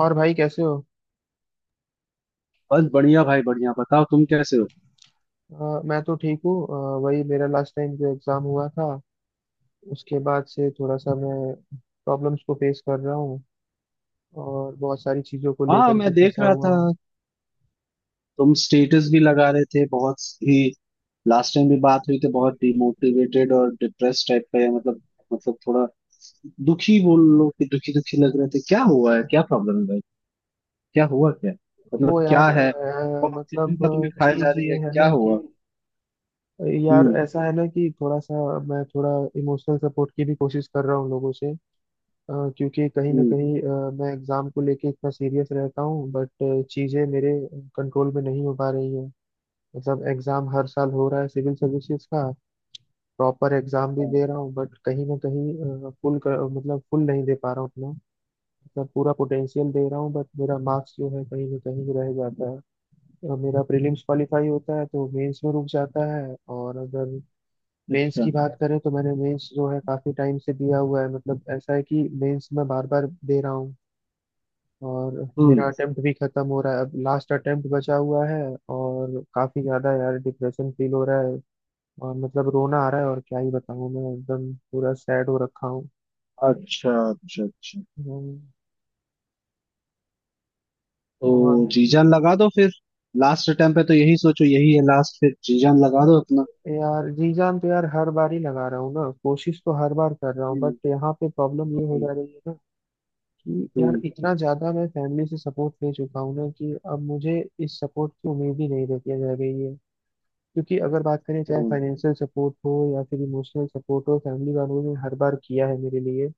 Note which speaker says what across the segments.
Speaker 1: और भाई कैसे हो।
Speaker 2: बस बढ़िया भाई, बढ़िया। बताओ, तुम कैसे हो।
Speaker 1: मैं तो ठीक हूँ। वही मेरा लास्ट टाइम जो एग्ज़ाम हुआ था, उसके बाद से थोड़ा सा मैं प्रॉब्लम्स को फेस कर रहा हूँ और बहुत सारी चीज़ों को
Speaker 2: हाँ,
Speaker 1: लेकर के
Speaker 2: मैं देख
Speaker 1: फंसा
Speaker 2: रहा था,
Speaker 1: हुआ हूँ।
Speaker 2: तुम स्टेटस भी लगा रहे थे बहुत ही। लास्ट टाइम भी बात हुई थी, बहुत डिमोटिवेटेड और डिप्रेस टाइप का, या मतलब थोड़ा दुखी बोल लो कि दुखी दुखी लग रहे थे। क्या हुआ है, क्या प्रॉब्लम है भाई, क्या हुआ, क्या
Speaker 1: वो
Speaker 2: मतलब क्या
Speaker 1: यार
Speaker 2: है। कौन सी
Speaker 1: मतलब
Speaker 2: चिंता तुम्हें खाए जा
Speaker 1: चीज़
Speaker 2: रही
Speaker 1: ये
Speaker 2: है,
Speaker 1: है
Speaker 2: क्या
Speaker 1: ना कि,
Speaker 2: हुआ।
Speaker 1: यार
Speaker 2: हम्म।
Speaker 1: ऐसा है ना कि थोड़ा सा मैं थोड़ा इमोशनल सपोर्ट की भी कोशिश कर रहा हूँ लोगों से। क्योंकि कहीं ना
Speaker 2: हम्म।
Speaker 1: कहीं मैं एग्ज़ाम को लेके इतना सीरियस रहता हूँ बट चीज़ें मेरे कंट्रोल में नहीं हो पा रही हैं। मतलब एग्जाम हर साल हो रहा है सिविल सर्विसेज का, प्रॉपर एग्जाम भी दे रहा हूँ बट कहीं ना कहीं फुल मतलब फुल नहीं दे पा रहा हूँ अपना, मतलब पूरा पोटेंशियल दे रहा हूँ बट मेरा मार्क्स जो है कहीं ना कहीं रह जाता है। मेरा प्रीलिम्स क्वालिफाई होता है तो मेंस में रुक जाता है, और अगर मेंस
Speaker 2: अच्छा।
Speaker 1: की बात करें तो मैंने मेंस जो है काफी टाइम से दिया हुआ है, मतलब ऐसा है कि मेंस मैं बार बार दे रहा हूँ। और मेरा
Speaker 2: हम्म।
Speaker 1: अटेम्प्ट भी खत्म हो रहा है, अब लास्ट अटेम्प्ट बचा हुआ है और काफी ज्यादा यार डिप्रेशन फील हो रहा है। और मतलब रोना आ रहा है और क्या ही बताऊं, मैं एकदम पूरा सैड हो रखा हूँ।
Speaker 2: अच्छा अच्छा अच्छा।
Speaker 1: हम्म,
Speaker 2: तो
Speaker 1: और
Speaker 2: जीजान लगा दो फिर। लास्ट अटेम्प्ट पे तो यही सोचो, यही है लास्ट, फिर जीजान लगा दो अपना।
Speaker 1: यार रीजान तो यार हर बार ही लगा रहा हूँ ना, कोशिश तो हर बार कर रहा हूँ बट
Speaker 2: हम्म।
Speaker 1: यहाँ पे प्रॉब्लम ये हो
Speaker 2: हम्म।
Speaker 1: जा रही है ना कि यार
Speaker 2: हम्म।
Speaker 1: इतना ज्यादा मैं फैमिली से सपोर्ट ले चुका हूँ ना, कि अब मुझे इस सपोर्ट की उम्मीद ही नहीं रहती है रह गई है। क्योंकि अगर बात करें चाहे
Speaker 2: हम्म।
Speaker 1: फाइनेंशियल सपोर्ट हो या फिर इमोशनल सपोर्ट हो, फैमिली वालों ने हर बार किया है मेरे लिए।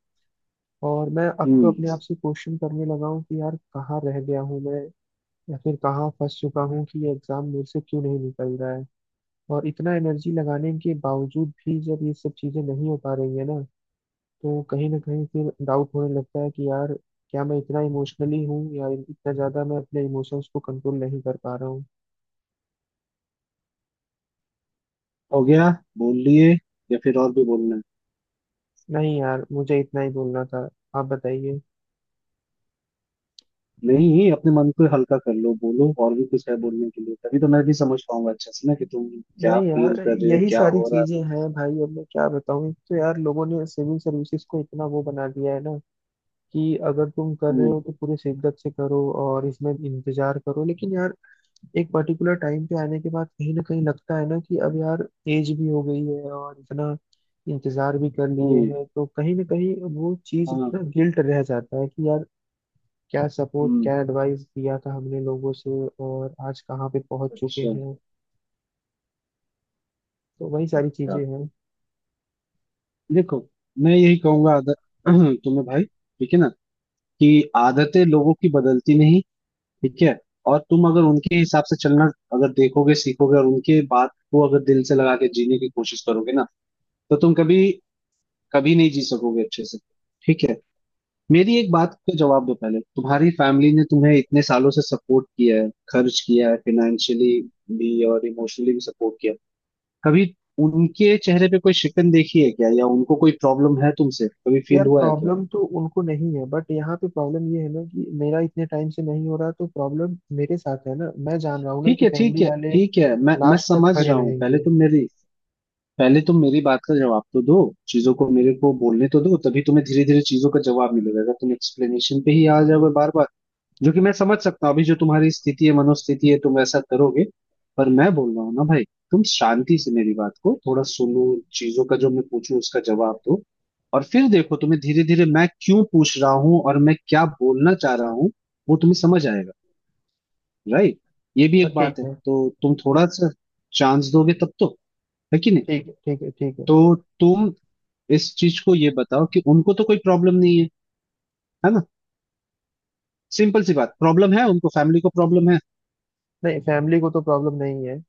Speaker 1: और मैं अब तो
Speaker 2: हम्म।
Speaker 1: अपने आप से क्वेश्चन करने लगा हूँ कि यार कहाँ रह गया हूँ मैं, या फिर कहाँ फंस चुका हूँ कि ये एग्जाम मेरे से क्यों नहीं निकल रहा है। और इतना एनर्जी लगाने के बावजूद भी जब ये सब चीजें नहीं हो पा रही है ना, तो कहीं ना कहीं फिर डाउट होने लगता है कि यार क्या मैं इतना इमोशनली हूँ, या इतना ज्यादा मैं अपने इमोशंस को कंट्रोल नहीं कर पा रहा हूँ।
Speaker 2: हो गया, बोल लिए, या फिर और भी बोलना है।
Speaker 1: नहीं यार, मुझे इतना ही बोलना था। आप बताइए।
Speaker 2: नहीं, अपने मन को हल्का कर लो, बोलो, और भी कुछ है बोलने के लिए, तभी तो मैं भी समझ पाऊंगा अच्छे से ना कि तुम क्या
Speaker 1: नहीं
Speaker 2: फील
Speaker 1: यार,
Speaker 2: कर रहे हो,
Speaker 1: यही
Speaker 2: क्या
Speaker 1: सारी
Speaker 2: हो रहा है।
Speaker 1: चीजें हैं भाई, अब मैं क्या बताऊँ। एक तो यार लोगों ने सिविल सर्विसेज को इतना वो बना दिया है ना, कि अगर तुम कर रहे
Speaker 2: हम्म।
Speaker 1: हो तो पूरे शिद्दत से करो और इसमें इंतजार करो। लेकिन यार एक पर्टिकुलर टाइम पे आने के बाद कहीं ना कहीं लगता है ना कि अब यार एज भी हो गई है और इतना इंतजार भी कर लिए
Speaker 2: हम्म।
Speaker 1: हैं, तो कहीं ना कहीं वो चीज
Speaker 2: हाँ।
Speaker 1: ना गिल्ट रह जाता है कि यार क्या सपोर्ट
Speaker 2: हम्म।
Speaker 1: क्या एडवाइस दिया था हमने लोगों से, और आज कहाँ पे पहुंच चुके
Speaker 2: अच्छा।
Speaker 1: हैं। तो वही सारी
Speaker 2: अच्छा।
Speaker 1: चीजें हैं।
Speaker 2: देखो, मैं यही कहूंगा आदत तुम्हें भाई, ठीक है ना, कि आदतें लोगों की बदलती नहीं, ठीक है। और तुम अगर उनके हिसाब से चलना, अगर देखोगे, सीखोगे, और उनके बात को अगर दिल से लगा के जीने की कोशिश करोगे ना, तो तुम कभी कभी नहीं जी सकोगे अच्छे से, ठीक है। मेरी एक बात का जवाब दो पहले। तुम्हारी फैमिली ने तुम्हें इतने सालों से सपोर्ट किया है, खर्च किया है फाइनेंशियली भी, और इमोशनली भी सपोर्ट किया है। कभी उनके चेहरे पे कोई शिकन देखी है क्या, या उनको कोई प्रॉब्लम है तुमसे, कभी फील
Speaker 1: यार
Speaker 2: हुआ है क्या।
Speaker 1: प्रॉब्लम तो उनको नहीं है बट यहाँ पे प्रॉब्लम ये है ना कि मेरा इतने टाइम से नहीं हो रहा, तो प्रॉब्लम मेरे साथ है ना। मैं जान रहा हूँ ना
Speaker 2: ठीक
Speaker 1: कि
Speaker 2: है, ठीक
Speaker 1: फैमिली
Speaker 2: है,
Speaker 1: वाले
Speaker 2: ठीक है, मैं
Speaker 1: लास्ट तक
Speaker 2: समझ
Speaker 1: खड़े
Speaker 2: रहा हूँ।
Speaker 1: रहेंगे।
Speaker 2: पहले तुम मेरी बात का जवाब तो दो। चीजों को मेरे को बोलने तो दो, तभी तुम्हें धीरे धीरे चीजों का जवाब मिलेगा। अगर तुम एक्सप्लेनेशन पे ही आ जाओगे बार बार, जो कि मैं समझ सकता हूँ, अभी जो तुम्हारी स्थिति है, मनोस्थिति है, तुम ऐसा करोगे, पर मैं बोल रहा हूँ ना भाई, तुम शांति से मेरी बात को थोड़ा सुनो। चीजों का जो मैं पूछूं उसका जवाब दो, और फिर देखो, तुम्हें धीरे धीरे मैं क्यों पूछ रहा हूँ और मैं क्या बोलना चाह रहा हूँ, वो तुम्हें समझ आएगा। राइट, ये भी
Speaker 1: हाँ
Speaker 2: एक
Speaker 1: ठीक
Speaker 2: बात है,
Speaker 1: है,
Speaker 2: तो तुम थोड़ा सा चांस दोगे तब तो, है कि नहीं।
Speaker 1: ठीक है, ठीक है, ठीक है।
Speaker 2: तो तुम इस चीज को ये बताओ कि उनको तो कोई प्रॉब्लम नहीं है, है ना। सिंपल सी बात, प्रॉब्लम है उनको, फैमिली को प्रॉब्लम है।
Speaker 1: नहीं, फैमिली को तो प्रॉब्लम नहीं है।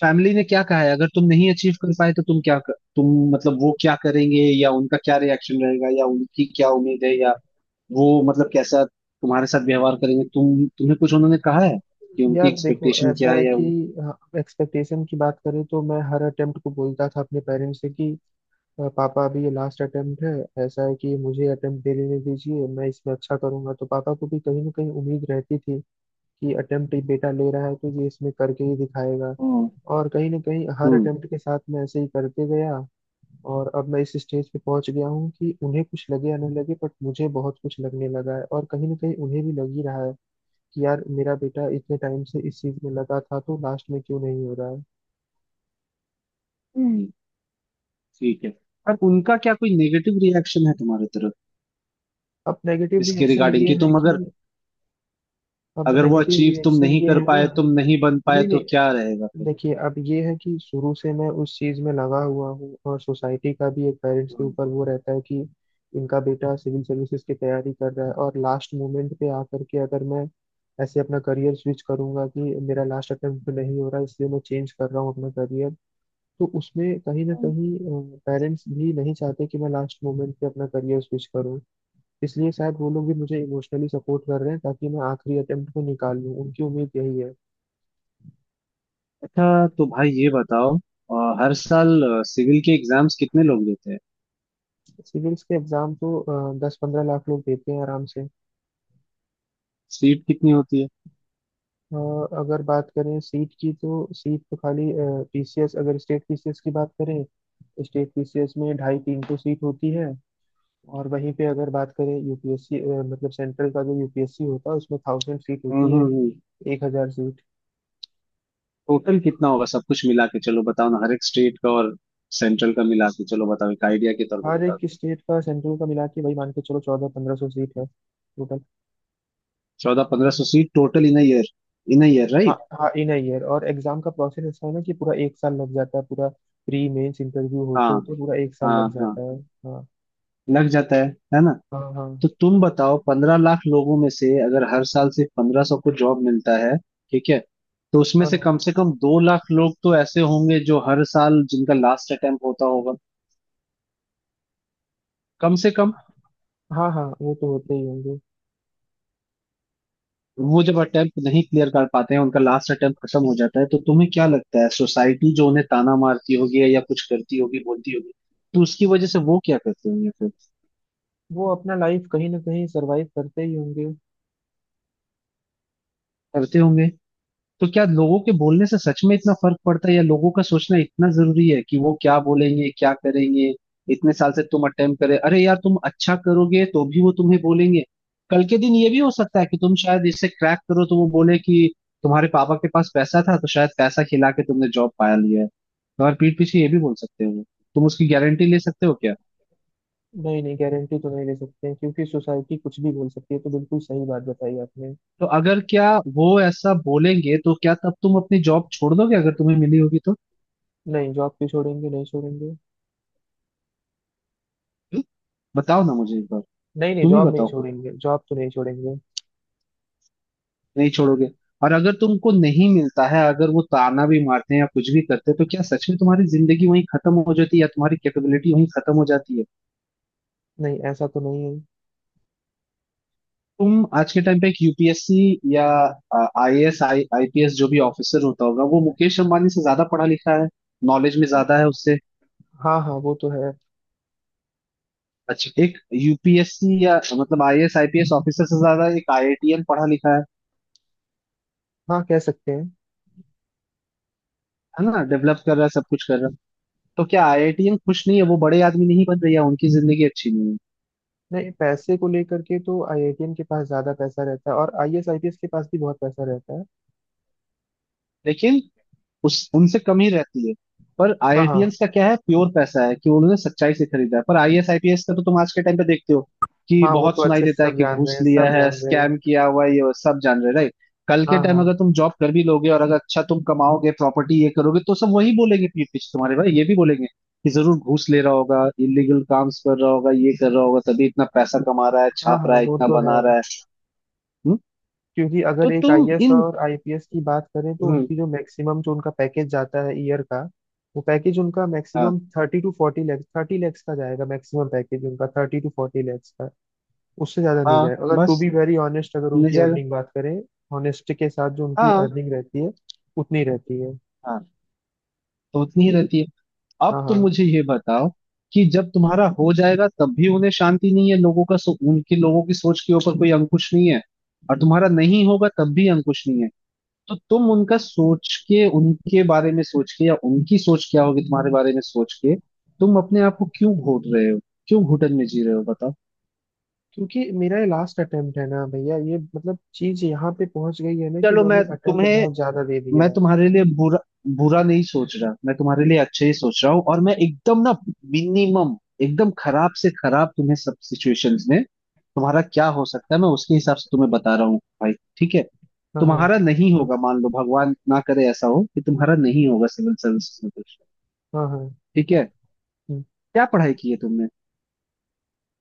Speaker 2: फैमिली ने क्या कहा है अगर तुम नहीं अचीव कर पाए, तो तुम क्या कर, तुम मतलब वो क्या करेंगे, या उनका क्या रिएक्शन रहेगा, या उनकी क्या उम्मीद है, या वो मतलब कैसा तुम्हारे साथ व्यवहार करेंगे, तुम तुम्हें कुछ उन्होंने कहा है कि उनकी
Speaker 1: यार देखो,
Speaker 2: एक्सपेक्टेशन
Speaker 1: ऐसा
Speaker 2: क्या
Speaker 1: है
Speaker 2: है, या
Speaker 1: कि
Speaker 2: उन...
Speaker 1: एक्सपेक्टेशन की बात करें तो मैं हर अटेम्प्ट को बोलता था अपने पेरेंट्स से कि पापा अभी ये लास्ट अटेम्प्ट है, ऐसा है कि मुझे अटेम्प्ट दे लेने दीजिए, मैं इसमें अच्छा करूंगा"। तो पापा को भी कहीं ना कहीं उम्मीद रहती थी कि अटेम्प्ट बेटा ले रहा है तो ये इसमें करके ही दिखाएगा।
Speaker 2: हम्म।
Speaker 1: और कहीं ना कहीं हर
Speaker 2: हम्म।
Speaker 1: अटेम्प्ट के साथ मैं ऐसे ही करते गया। और अब मैं इस स्टेज पे पहुंच गया हूँ कि उन्हें कुछ लगे या न लगे बट मुझे बहुत कुछ लगने लगा है, और कहीं ना कहीं उन्हें भी लग ही रहा है कि यार मेरा बेटा इतने टाइम से इस चीज में लगा था तो लास्ट में क्यों नहीं हो रहा है।
Speaker 2: हम्म। ठीक है, पर उनका क्या कोई नेगेटिव रिएक्शन है तुम्हारे तरफ
Speaker 1: अब नेगेटिव
Speaker 2: इसके
Speaker 1: रिएक्शन
Speaker 2: रिगार्डिंग,
Speaker 1: ये
Speaker 2: कि
Speaker 1: है
Speaker 2: तुम अगर,
Speaker 1: कि अब
Speaker 2: अगर वो
Speaker 1: नेगेटिव
Speaker 2: अचीव तुम
Speaker 1: रिएक्शन
Speaker 2: नहीं
Speaker 1: ये
Speaker 2: कर
Speaker 1: है ना।
Speaker 2: पाए, तुम नहीं बन पाए,
Speaker 1: नहीं
Speaker 2: तो
Speaker 1: नहीं,
Speaker 2: क्या रहेगा फिर।
Speaker 1: देखिए अब ये है कि शुरू से मैं उस चीज में लगा हुआ हूँ, और सोसाइटी का भी एक पेरेंट्स के
Speaker 2: हम्म।
Speaker 1: ऊपर वो रहता है कि इनका बेटा सिविल सर्विसेज की तैयारी कर रहा है, और लास्ट मोमेंट पे आकर के अगर मैं ऐसे अपना करियर स्विच करूंगा कि मेरा लास्ट अटेम्प्ट नहीं हो रहा इसलिए मैं चेंज कर रहा हूँ अपना करियर, तो उसमें कहीं ना कहीं पेरेंट्स भी नहीं चाहते कि मैं लास्ट मोमेंट पे अपना करियर स्विच करूँ। इसलिए शायद वो लोग भी मुझे इमोशनली सपोर्ट कर रहे हैं ताकि मैं आखिरी अटेम्प्ट को निकाल लूँ, उनकी उम्मीद यही है।
Speaker 2: अच्छा, तो भाई ये बताओ, हर साल सिविल के एग्जाम्स कितने लोग देते हैं।
Speaker 1: सिविल्स के एग्जाम तो 10-15 लाख लोग देते हैं आराम से।
Speaker 2: सीट कितनी होती है।
Speaker 1: अ, अगर बात करें सीट की तो सीट तो खाली। पीसीएस, अगर स्टेट पीसीएस की बात करें तो स्टेट पीसीएस में ढाई तीन तो सीट होती है। और वहीं पे अगर बात करें यूपीएससी, मतलब सेंट्रल का जो यूपीएससी होता है, उसमें 1000 सीट
Speaker 2: हम्म।
Speaker 1: होती
Speaker 2: हम्म।
Speaker 1: है।
Speaker 2: हम्म।
Speaker 1: 1000 सीट।
Speaker 2: टोटल कितना होगा सब कुछ मिला के, चलो बताओ ना, हर एक स्टेट का और सेंट्रल का मिला के, चलो बताओ एक आइडिया के तौर पे
Speaker 1: हर
Speaker 2: बताओ।
Speaker 1: एक स्टेट का सेंट्रल का मिला के, वही मान के चलो, 1400-1500 सीट है total.
Speaker 2: 1400-1500 seat total in year, in year,
Speaker 1: हाँ
Speaker 2: राइट।
Speaker 1: हाँ, इन अ ईयर। और एग्जाम का प्रोसेस ऐसा है ना कि पूरा एक साल लग जाता है पूरा, प्री मेंस इंटरव्यू
Speaker 2: हाँ
Speaker 1: होते होते पूरा एक साल
Speaker 2: हाँ।
Speaker 1: लग
Speaker 2: हाँ,
Speaker 1: जाता है। हाँ।
Speaker 2: लग जाता है ना।
Speaker 1: हाँ हाँ
Speaker 2: तो तुम बताओ, 15 लाख लोगों में से अगर हर साल सिर्फ 1500 को जॉब मिलता है, ठीक है, तो उसमें
Speaker 1: और।
Speaker 2: से कम 2 लाख लोग तो ऐसे होंगे जो हर साल जिनका लास्ट अटेम्प्ट होता होगा, कम से कम।
Speaker 1: हाँ हाँ, वो तो होते ही होंगे।
Speaker 2: वो जब अटेम्प्ट नहीं क्लियर कर पाते हैं, उनका लास्ट अटेम्प्ट खत्म हो जाता है, तो तुम्हें क्या लगता है, सोसाइटी जो उन्हें ताना मारती होगी, या कुछ करती होगी, बोलती होगी, तो उसकी वजह से वो क्या करते होंगे फिर।
Speaker 1: वो अपना लाइफ कहीं ना कहीं सरवाइव करते ही होंगे।
Speaker 2: करते होंगे। तो क्या लोगों के बोलने से सच में इतना फर्क पड़ता है, या लोगों का सोचना इतना जरूरी है कि वो क्या बोलेंगे क्या करेंगे। इतने साल से तुम अटेम्प्ट करे, अरे यार तुम अच्छा करोगे तो भी वो तुम्हें बोलेंगे। कल के दिन ये भी हो सकता है कि तुम शायद इसे क्रैक करो, तो वो बोले कि तुम्हारे पापा के पास पैसा था, तो शायद पैसा खिला के तुमने जॉब पाया लिया है। तुम्हारे पीठ पीछे ये भी बोल सकते हो वो। तुम उसकी गारंटी ले सकते हो क्या।
Speaker 1: नहीं नहीं, गारंटी तो नहीं ले सकते हैं क्योंकि सोसाइटी कुछ भी बोल सकती है, तो बिल्कुल सही बात बताई आपने।
Speaker 2: तो अगर क्या, वो ऐसा बोलेंगे, तो क्या तब तुम अपनी जॉब छोड़ दोगे अगर तुम्हें मिली होगी तो,
Speaker 1: नहीं, जॉब क्यों छोड़ेंगे, नहीं छोड़ेंगे।
Speaker 2: बताओ ना मुझे एक बार,
Speaker 1: नहीं नहीं,
Speaker 2: तुम ही
Speaker 1: जॉब नहीं
Speaker 2: बताओ खुद।
Speaker 1: छोड़ेंगे, जॉब तो नहीं छोड़ेंगे।
Speaker 2: नहीं छोड़ोगे। और अगर तुमको नहीं मिलता है, अगर वो ताना भी मारते हैं या कुछ भी करते हैं, तो क्या सच में तुम्हारी जिंदगी वहीं खत्म हो जाती है, या तुम्हारी कैपेबिलिटी वहीं खत्म हो जाती है।
Speaker 1: नहीं, ऐसा तो नहीं है।
Speaker 2: तुम आज के टाइम पे एक यूपीएससी या आईएएस आईपीएस जो भी ऑफिसर होता होगा, वो मुकेश अंबानी से ज्यादा पढ़ा लिखा है, नॉलेज में ज्यादा है उससे।
Speaker 1: हाँ हाँ, वो तो है।
Speaker 2: अच्छा, एक यूपीएससी या मतलब आईएएस आईपीएस ऑफिसर से ज्यादा एक आईआईटीएन पढ़ा लिखा है
Speaker 1: हाँ, कह सकते हैं।
Speaker 2: है ना, डेवलप कर रहा है, सब कुछ कर रहा है। तो क्या आईआईटीएन खुश नहीं है, वो बड़े आदमी नहीं, बन रही है उनकी जिंदगी अच्छी नहीं है।
Speaker 1: नहीं, पैसे को लेकर के तो आईआईटीएन के पास ज्यादा पैसा रहता है और आईएएस आईपीएस के पास भी बहुत पैसा रहता है।
Speaker 2: लेकिन उस उनसे कम ही रहती है। पर
Speaker 1: हाँ हाँ।
Speaker 2: आईआईटियंस का क्या है, प्योर पैसा है, कि उन्होंने सच्चाई से खरीदा है। पर आईएएस आईपीएस का तो तुम आज के टाइम पे देखते हो कि
Speaker 1: हाँ वो
Speaker 2: बहुत
Speaker 1: तो
Speaker 2: सुनाई
Speaker 1: अच्छे से
Speaker 2: देता है
Speaker 1: सब
Speaker 2: कि
Speaker 1: जान रहे
Speaker 2: घूस
Speaker 1: हैं,
Speaker 2: लिया
Speaker 1: सब
Speaker 2: है,
Speaker 1: जान रहे
Speaker 2: स्कैम
Speaker 1: हैं।
Speaker 2: किया हुआ है, ये वो सब जान रहे, राइट। कल के
Speaker 1: हाँ
Speaker 2: टाइम
Speaker 1: हाँ।
Speaker 2: अगर तुम जॉब कर भी लोगे, और अगर अच्छा तुम कमाओगे, प्रॉपर्टी ये करोगे, तो सब वही बोलेंगे पीठ पीछे तुम्हारे, भाई ये भी बोलेंगे कि जरूर घूस ले रहा होगा, इलीगल काम्स कर रहा होगा, ये कर रहा होगा तभी इतना पैसा कमा रहा है,
Speaker 1: हाँ
Speaker 2: छाप
Speaker 1: हाँ,
Speaker 2: रहा है,
Speaker 1: वो
Speaker 2: इतना
Speaker 1: तो है।
Speaker 2: बना रहा है। हम्म?
Speaker 1: क्योंकि
Speaker 2: तो
Speaker 1: अगर एक
Speaker 2: तुम
Speaker 1: आईएएस
Speaker 2: इन
Speaker 1: और आईपीएस की बात करें, तो
Speaker 2: हम्म,
Speaker 1: उनकी जो मैक्सिमम जो उनका पैकेज जाता है ईयर का, वो पैकेज उनका
Speaker 2: हाँ,
Speaker 1: मैक्सिमम 30-40 लाख, 30 लाख का जाएगा, मैक्सिमम पैकेज उनका 30-40 लाख का। उससे ज्यादा नहीं
Speaker 2: हाँ,
Speaker 1: जाएगा अगर टू
Speaker 2: बस
Speaker 1: बी वेरी ऑनेस्ट, अगर
Speaker 2: मिल
Speaker 1: उनकी
Speaker 2: जाएगा।
Speaker 1: अर्निंग बात करें, ऑनेस्टी के साथ जो उनकी
Speaker 2: हाँ
Speaker 1: अर्निंग रहती है, उतनी रहती है।
Speaker 2: हाँ। तो उतनी ही रहती है। अब
Speaker 1: हाँ
Speaker 2: तुम
Speaker 1: हाँ।
Speaker 2: मुझे ये बताओ कि जब तुम्हारा हो जाएगा, तब भी उन्हें शांति नहीं है, लोगों उनके लोगों की सोच के ऊपर कोई अंकुश नहीं है, और तुम्हारा नहीं होगा तब भी अंकुश नहीं है। तो तुम उनका सोच के, उनके बारे में सोच के, या उनकी सोच क्या होगी तुम्हारे बारे में सोच के, तुम अपने आप को क्यों घोट रहे हो, क्यों घुटन में जी रहे हो, बताओ।
Speaker 1: क्योंकि मेरा ये लास्ट अटेम्प्ट है ना भैया, ये मतलब चीज यहाँ पे पहुंच गई है ना कि
Speaker 2: चलो
Speaker 1: मैंने
Speaker 2: मैं
Speaker 1: अटेम्प्ट
Speaker 2: तुम्हें
Speaker 1: बहुत ज्यादा दे
Speaker 2: मैं
Speaker 1: दिया है।
Speaker 2: तुम्हारे लिए बुरा बुरा नहीं सोच रहा, मैं तुम्हारे लिए अच्छे ही सोच रहा हूँ। और मैं एकदम ना, मिनिमम, एकदम खराब से खराब, तुम्हें सब सिचुएशंस में तुम्हारा क्या हो सकता है, मैं उसके हिसाब से तुम्हें बता रहा हूँ भाई, ठीक है।
Speaker 1: हाँ
Speaker 2: तुम्हारा
Speaker 1: हाँ।
Speaker 2: नहीं होगा, मान लो भगवान ना करे ऐसा हो कि तुम्हारा नहीं होगा सिविल सर्विस में कुछ,
Speaker 1: हाँ हाँ।
Speaker 2: ठीक है।
Speaker 1: हम्म।
Speaker 2: क्या पढ़ाई की है तुमने।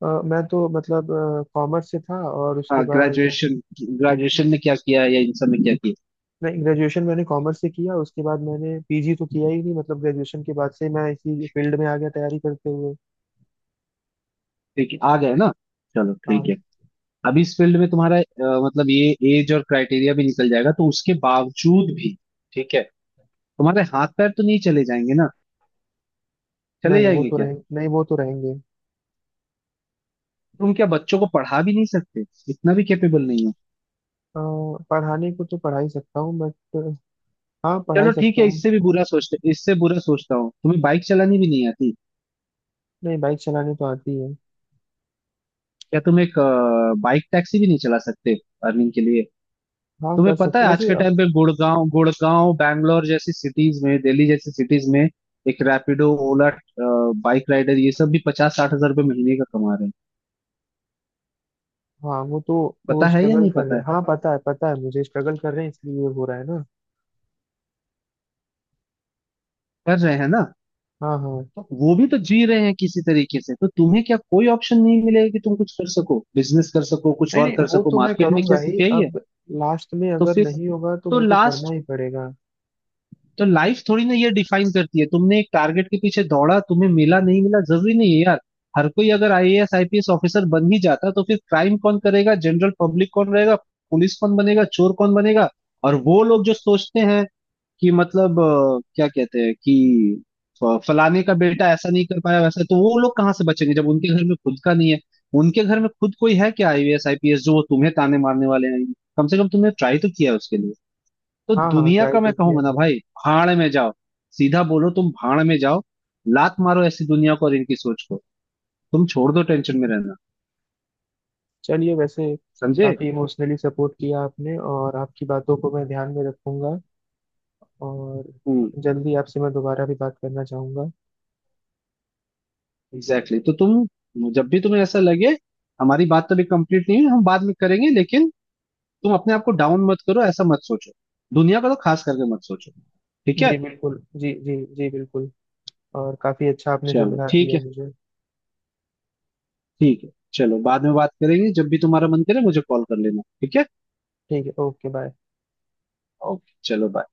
Speaker 1: मैं तो मतलब कॉमर्स से था और उसके
Speaker 2: हाँ,
Speaker 1: बाद,
Speaker 2: ग्रेजुएशन, ग्रेजुएशन में क्या किया है, या इन सब में क्या किया।
Speaker 1: नहीं ग्रेजुएशन मैंने कॉमर्स से किया उसके बाद मैंने पीजी तो किया ही नहीं, मतलब ग्रेजुएशन के बाद से मैं इसी फील्ड में आ गया तैयारी करते हुए।
Speaker 2: ठीक है, आ गए ना, चलो ठीक
Speaker 1: हाँ।
Speaker 2: है। अब इस फील्ड में तुम्हारा मतलब ये एज और क्राइटेरिया भी निकल जाएगा, तो उसके बावजूद भी, ठीक है, तुम्हारे हाथ पैर तो नहीं चले जाएंगे ना, चले जाएंगे क्या।
Speaker 1: नहीं वो तो रहेंगे।
Speaker 2: तुम क्या बच्चों को पढ़ा भी नहीं सकते, इतना भी कैपेबल नहीं हो।
Speaker 1: अ, पढ़ाने को तो पढ़ा ही सकता हूँ बट, हाँ पढ़ा ही
Speaker 2: चलो ठीक
Speaker 1: सकता
Speaker 2: है,
Speaker 1: हूँ।
Speaker 2: इससे भी बुरा सोचते, इससे बुरा सोचता हूँ, तुम्हें बाइक चलानी भी नहीं आती।
Speaker 1: नहीं, बाइक चलाने तो आती है।
Speaker 2: क्या तुम एक बाइक टैक्सी भी नहीं चला सकते अर्निंग के लिए।
Speaker 1: हाँ,
Speaker 2: तुम्हें
Speaker 1: कर
Speaker 2: पता
Speaker 1: सकते
Speaker 2: है आज
Speaker 1: वैसे।
Speaker 2: के टाइम पे गुड़गांव, गुड़गांव, बैंगलोर जैसी सिटीज में, दिल्ली जैसी सिटीज में एक रैपिडो, ओला बाइक राइडर, ये सब भी 50-60 हजार रुपये महीने का कमा रहे हैं,
Speaker 1: हाँ वो तो, वो
Speaker 2: पता है या
Speaker 1: स्ट्रगल
Speaker 2: नहीं
Speaker 1: कर
Speaker 2: पता
Speaker 1: रहे
Speaker 2: है।
Speaker 1: हैं, हाँ पता है, पता है मुझे, स्ट्रगल कर रहे हैं इसलिए ये हो रहा है ना।
Speaker 2: कर रहे हैं ना।
Speaker 1: हाँ हाँ।
Speaker 2: तो वो भी तो जी रहे हैं किसी तरीके से। तो तुम्हें क्या कोई ऑप्शन नहीं मिलेगा कि तुम कुछ कर सको, बिजनेस कर सको, कुछ
Speaker 1: नहीं
Speaker 2: और
Speaker 1: नहीं,
Speaker 2: कर
Speaker 1: वो
Speaker 2: सको,
Speaker 1: तो मैं
Speaker 2: मार्केट में क्या
Speaker 1: करूंगा ही
Speaker 2: सिर्फ यही है।
Speaker 1: अब, लास्ट में
Speaker 2: तो
Speaker 1: अगर
Speaker 2: फिर
Speaker 1: नहीं होगा तो
Speaker 2: तो
Speaker 1: वो तो करना
Speaker 2: लास्ट
Speaker 1: ही पड़ेगा।
Speaker 2: तो लाइफ थोड़ी ना ये डिफाइन करती है। तुमने एक टारगेट के पीछे दौड़ा, तुम्हें मिला, नहीं मिला, जरूरी नहीं है यार। हर कोई अगर आईएएस आईपीएस ऑफिसर बन ही जाता, तो फिर क्राइम कौन करेगा, जनरल पब्लिक कौन रहेगा, पुलिस कौन बनेगा, चोर कौन बनेगा। और वो लोग जो सोचते हैं कि मतलब क्या कहते हैं कि फलाने का बेटा ऐसा नहीं कर पाया वैसा, तो वो लोग कहाँ से बचेंगे जब उनके घर में खुद का नहीं है। उनके घर में खुद कोई है क्या आईएएस आईपीएस, जो तुम्हें ताने मारने वाले हैं। कम से कम तुमने ट्राई तो किया है उसके लिए। तो
Speaker 1: हाँ हाँ,
Speaker 2: दुनिया
Speaker 1: ट्राई
Speaker 2: का मैं
Speaker 1: तो किया
Speaker 2: कहूंगा ना
Speaker 1: मैंने।
Speaker 2: भाई, भाड़ में जाओ। सीधा बोलो तुम, भाड़ में जाओ। लात मारो ऐसी दुनिया को और इनकी सोच को। तुम छोड़ दो टेंशन में रहना,
Speaker 1: चलिए वैसे,
Speaker 2: समझे।
Speaker 1: काफी इमोशनली सपोर्ट किया आपने और आपकी बातों को मैं ध्यान में रखूंगा, और
Speaker 2: हम्म।
Speaker 1: जल्दी आपसे मैं दोबारा भी बात करना चाहूंगा।
Speaker 2: एग्जैक्टली, तो तुम जब भी तुम्हें ऐसा लगे, हमारी बात तो अभी कंप्लीट नहीं है, हम बाद में करेंगे, लेकिन तुम अपने आप को डाउन मत करो, ऐसा मत सोचो, दुनिया का तो खास करके मत सोचो, ठीक है।
Speaker 1: जी बिल्कुल, जी जी जी बिल्कुल, और काफी अच्छा आपने
Speaker 2: चलो
Speaker 1: समझा
Speaker 2: ठीक
Speaker 1: दिया
Speaker 2: है,
Speaker 1: मुझे।
Speaker 2: ठीक है, चलो बाद में बात करेंगे, जब भी तुम्हारा मन करे मुझे कॉल कर लेना, ठीक है।
Speaker 1: ठीक है। Okay bye.
Speaker 2: ओके, चलो बाय।